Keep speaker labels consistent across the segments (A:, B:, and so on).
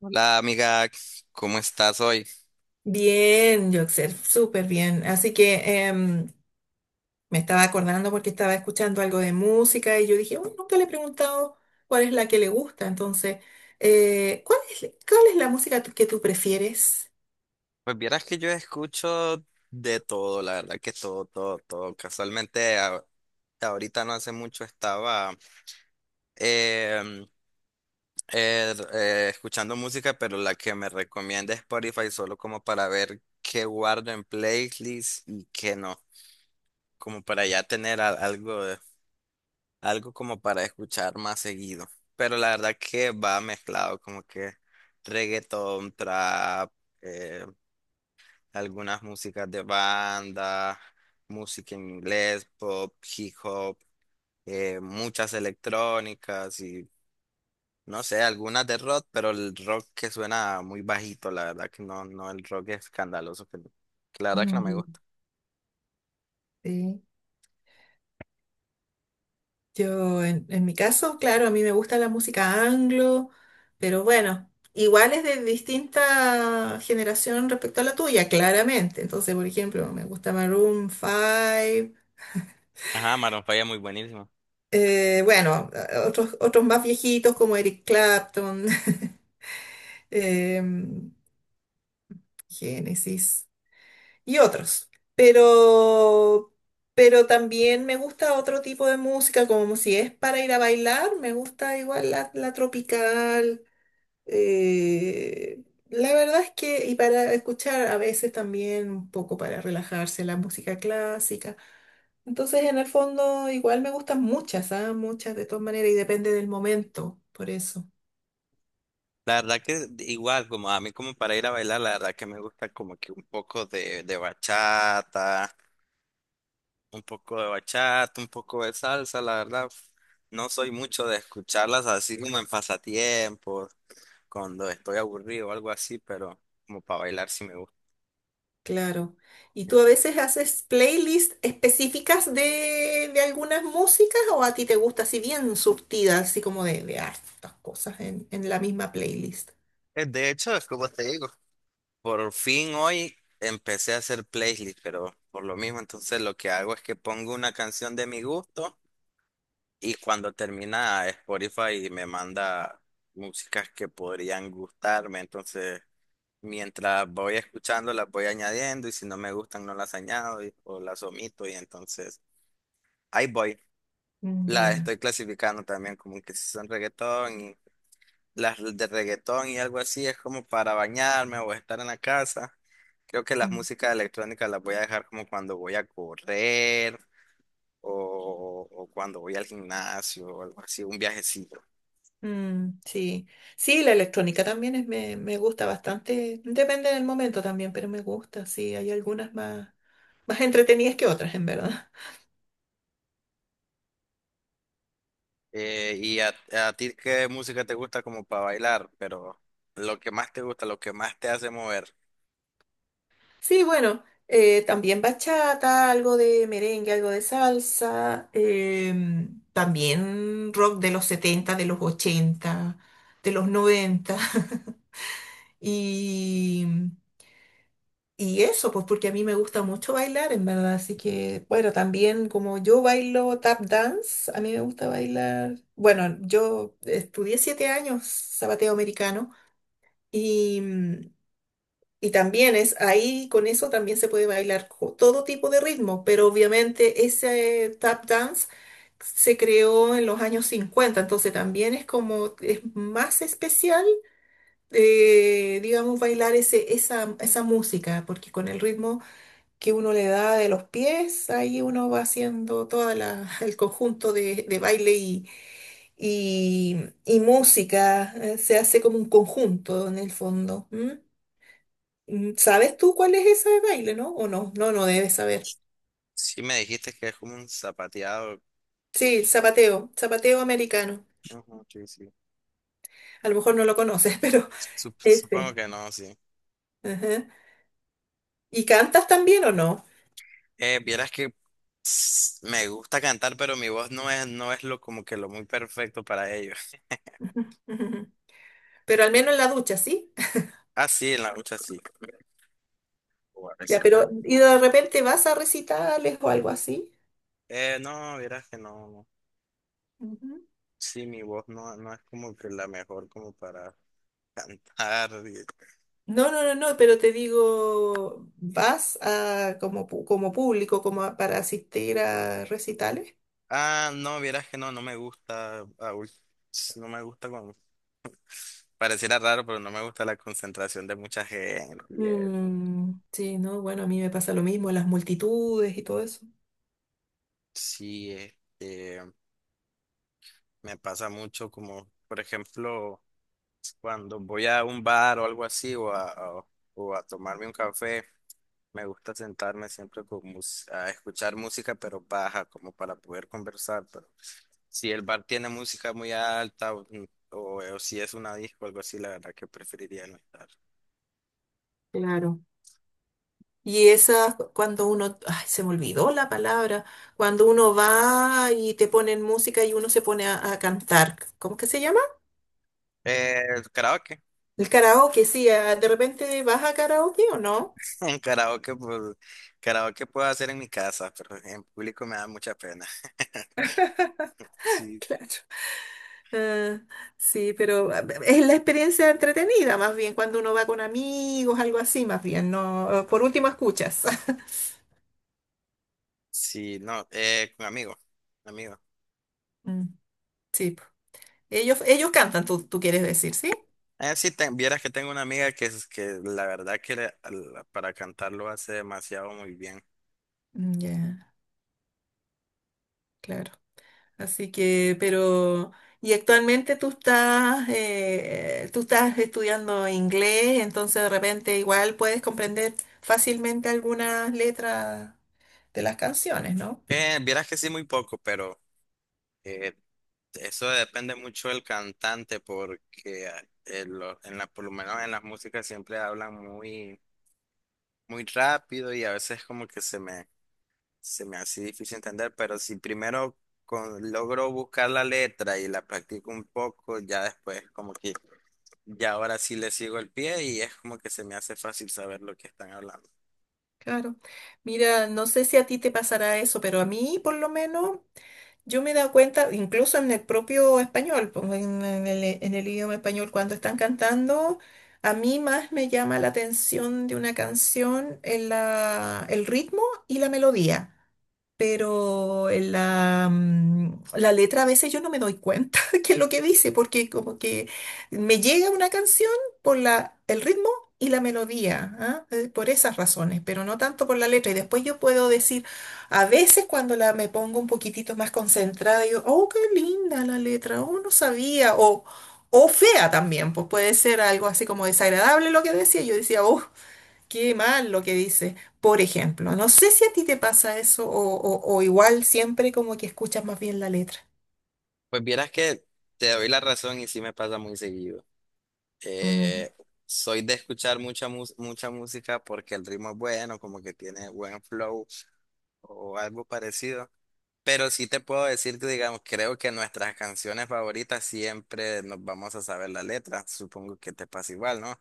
A: Hola amiga, ¿cómo estás hoy?
B: Bien, Joxer, súper bien. Así que me estaba acordando porque estaba escuchando algo de música y yo dije, "Uy, nunca le he preguntado cuál es la que le gusta". Entonces, cuál es la música que tú prefieres?
A: Pues vieras que yo escucho de todo, la verdad que todo, todo, todo. Casualmente ahorita no hace mucho estaba em, escuchando música, pero la que me recomienda Spotify solo como para ver qué guardo en playlist y qué no, como para ya tener algo, algo como para escuchar más seguido. Pero la verdad que va mezclado, como que reggaetón, trap, eh, algunas músicas de banda, música en inglés, pop, hip hop, muchas electrónicas y no sé, algunas de rock, pero el rock que suena muy bajito, la verdad que no, no, el rock escandaloso, que la verdad que no me
B: Mm,
A: gusta.
B: sí. Yo, en mi caso, claro, a mí me gusta la música anglo, pero bueno, igual es de distinta generación respecto a la tuya, claramente. Entonces, por ejemplo, me gusta Maroon 5.
A: Ajá, Maroon 5 es muy buenísimo.
B: Bueno, otros, otros más viejitos como Eric Clapton, em, Genesis y otros. Pero, pero también me gusta otro tipo de música, como si es para ir a bailar, me gusta igual la tropical, eh, la verdad es que, y para escuchar a veces también un poco para relajarse la música clásica. Entonces, en el fondo, igual me gustan muchas, ¿ah? Muchas de todas maneras, y depende del momento, por eso,
A: La verdad que igual, como a mí como para ir a bailar, la verdad que me gusta como que un poco de bachata, un poco de bachata, un poco de salsa, la verdad. No soy mucho de escucharlas así como en pasatiempos, cuando estoy aburrido o algo así, pero como para bailar sí me gusta.
B: claro. ¿Y tú a veces haces playlists específicas de algunas músicas o a ti te gusta así bien surtida, así como de hartas cosas en la misma playlist?
A: De hecho, es como te digo, por fin hoy empecé a hacer playlist, pero por lo mismo, entonces lo que hago es que pongo una canción de mi gusto y cuando termina Spotify me manda músicas que podrían gustarme, entonces mientras voy escuchando las voy añadiendo y si no me gustan no las añado o las omito y entonces ahí voy. Las
B: Ya.
A: estoy clasificando también como que si son reggaetón y las de reggaetón y algo así es como para bañarme o estar en la casa. Creo que las
B: Mm.
A: músicas electrónicas las voy a dejar como cuando voy a correr o cuando voy al gimnasio o algo así, un viajecito.
B: Mm, sí, sí, la electrónica también es, me gusta bastante, depende del momento también, pero me gusta, sí, hay algunas más, más entretenidas que otras, en verdad.
A: ¿Y a ti qué música te gusta como para bailar? Pero lo que más te gusta, lo que más te hace mover.
B: Sí, bueno, también bachata, algo de merengue, algo de salsa, también rock de los 70, de los 80, de los 90 y Y eso, pues porque a mí me gusta mucho bailar, en verdad. Así que, bueno, también como yo bailo tap dance, a mí me gusta bailar. Bueno, yo estudié 7 años zapateo americano y, mm, y también es ahí, con eso también se puede bailar todo tipo de ritmo, pero obviamente ese tap dance se creó en los años 50, entonces también es como, es más especial, digamos, bailar ese, esa música, porque con el ritmo que uno le da de los pies, ahí uno va haciendo todo el conjunto de baile y, y música, se hace como un conjunto en el fondo. ¿M? Mm, ¿sabes tú cuál es ese baile, no? ¿O no? No, no debes saber.
A: Sí me dijiste que es como un zapateado.
B: Sí, zapateo, zapateo americano.
A: Ujú, sí, sí.
B: A lo mejor no lo conoces, pero
A: Supongo
B: ese.
A: que no, sí.
B: Ajá. ¿Y cantas también o no?
A: Vieras que me gusta cantar, pero mi voz no es lo como que lo muy perfecto para ello.
B: Pero al menos en la ducha, ¿sí?
A: Ah, sí, en la lucha sí. O a
B: Ya,
A: veces.
B: pero ¿y de repente vas a recitales o algo así?
A: No, vieras que no, no.
B: Ujú.
A: Sí, mi voz no, no es como que la mejor como para cantar.
B: No, no, no, no, pero te digo, ¿vas a, como, como público, para asistir a recitales?
A: Ah, no, vieras que no, no me gusta. Ah, uy, no me gusta con... Pareciera raro, pero no me gusta la concentración de mucha gente. Y eso.
B: Mm, sí, no, bueno, a mí me pasa lo mismo, las multitudes y todo eso.
A: Sí, este, me pasa mucho como, por ejemplo, cuando voy a un bar o algo así o a tomarme un café. Me gusta sentarme siempre a escuchar música, pero baja, como para poder conversar. Pero si el bar tiene música muy alta o si es una disco o algo así, la verdad que preferiría no estar.
B: Claro. Y esas, cuando uno, ay, se me olvidó la palabra, cuando uno va y te ponen música y uno se pone a cantar, ¿cómo que se llama?
A: Eh, karaoke.
B: El karaoke, sí, ah, de repente vas a karaoke o no.
A: Un karaoke, pues, karaoke puedo hacer en mi casa, pero en público me da mucha pena. Sí,
B: Claro. Ah, sí, pero ah, es la experiencia entretenida, más bien, cuando uno va con amigos, algo así, más bien, no. Ah, por último escuchas.
A: sí, no, con amigos, amigos.
B: Mm, sí, po. Ellos cantan, tú quieres decir, ¿sí?
A: Sí, vieras que tengo una amiga que la verdad que para cantarlo hace demasiado muy bien.
B: Mm, ya, claro. Así que, pero, y actualmente tú estás estudiando inglés, entonces de repente igual puedes comprender fácilmente algunas letras de las canciones, ¿no?
A: Vieras que sí, muy poco, pero eh, eso depende mucho del cantante porque en la, por lo menos en las músicas siempre hablan muy, muy rápido y a veces como que se me hace difícil entender, pero si primero logro buscar la letra y la practico un poco, ya después como que ya ahora sí le sigo el pie y es como que se me hace fácil saber lo que están hablando.
B: Claro. Mira, no sé si a ti te pasará eso, pero a mí por lo menos yo me he dado cuenta, incluso en el propio español, pues, en en el idioma español, cuando están cantando, a mí más me llama la atención de una canción en el ritmo y la melodía, pero en la, mm, la letra a veces yo no me doy cuenta qué es lo que dice, porque como que me llega una canción por el ritmo y la melodía, ¿ah? Por esas razones, pero no tanto por la letra. Y después yo puedo decir, a veces cuando la, me pongo un poquitito más concentrada, digo, oh, qué linda la letra, oh, no sabía, o... O fea también, pues puede ser algo así como desagradable lo que decía. Yo decía, oh, qué mal lo que dice. Por ejemplo, no sé si a ti te pasa eso o, o igual siempre como que escuchas más bien la letra.
A: Pues vieras que te doy la razón y sí me pasa muy seguido.
B: Mm.
A: Eh, soy de escuchar mucha música porque el ritmo es bueno, como que tiene buen flow o algo parecido. Pero sí te puedo decir que, digamos, creo que nuestras canciones favoritas siempre nos vamos a saber la letra. Supongo que te pasa igual, ¿no?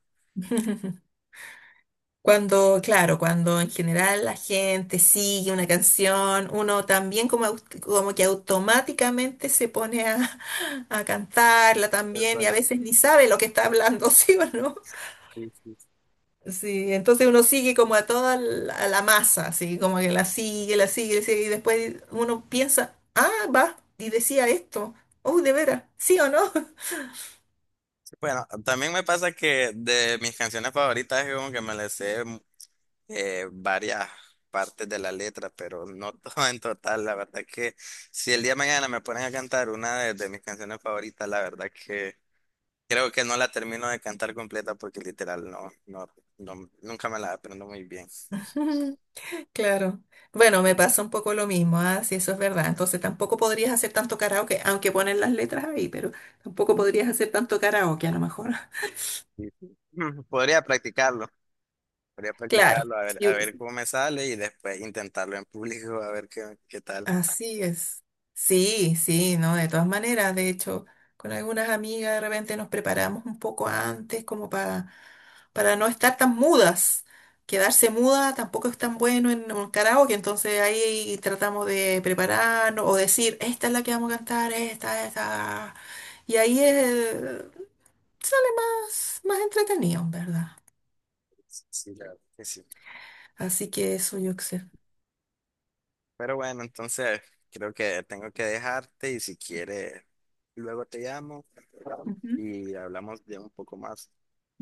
B: Cuando, claro, cuando en general la gente sigue una canción, uno también como, como que automáticamente se pone a cantarla también y a
A: Exacto.
B: veces ni sabe lo que está hablando, ¿sí o no?
A: Sí, sí, sí.
B: Sí, entonces uno sigue como a toda a la masa, así como que la sigue, la sigue, la sigue, y después uno piensa, ah, va, y decía esto, oh, de veras, ¿sí o no?
A: Bueno, también me pasa que de mis canciones favoritas es como que me las sé, varias partes de la letra, pero no todo en total. La verdad que si el día de mañana me ponen a cantar una de mis canciones favoritas, la verdad que creo que no la termino de cantar completa porque literal no, no, nunca me la aprendo muy bien.
B: Claro. Bueno, me pasa un poco lo mismo, ah, sí, eso es verdad. Entonces tampoco podrías hacer tanto karaoke, aunque ponen las letras ahí, pero tampoco podrías hacer tanto karaoke a lo mejor.
A: Y- Podría practicarlo, podría
B: Claro,
A: practicarlo, a
B: sí,
A: ver cómo me sale y después intentarlo en público, a ver qué, qué tal.
B: así es. Sí, sí, no, de todas maneras. De hecho, con algunas amigas de repente nos preparamos un poco antes como para no estar tan mudas. Quedarse muda tampoco es tan bueno en un karaoke, entonces ahí tratamos de prepararnos o decir, esta es la que vamos a cantar, esta, esta. Y ahí sale más, más entretenido, ¿en verdad?
A: Sí, la verdad que sí.
B: Así que eso yo sé.
A: Pero bueno, entonces creo que tengo que dejarte y si quieres, luego te llamo
B: Ujú.
A: y hablamos de un poco más.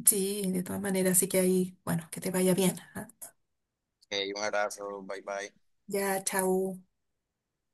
B: Sí, de todas maneras, así que ahí, bueno, que te vaya bien, ¿ah?
A: Ok, un abrazo, bye bye.
B: Ya, chao.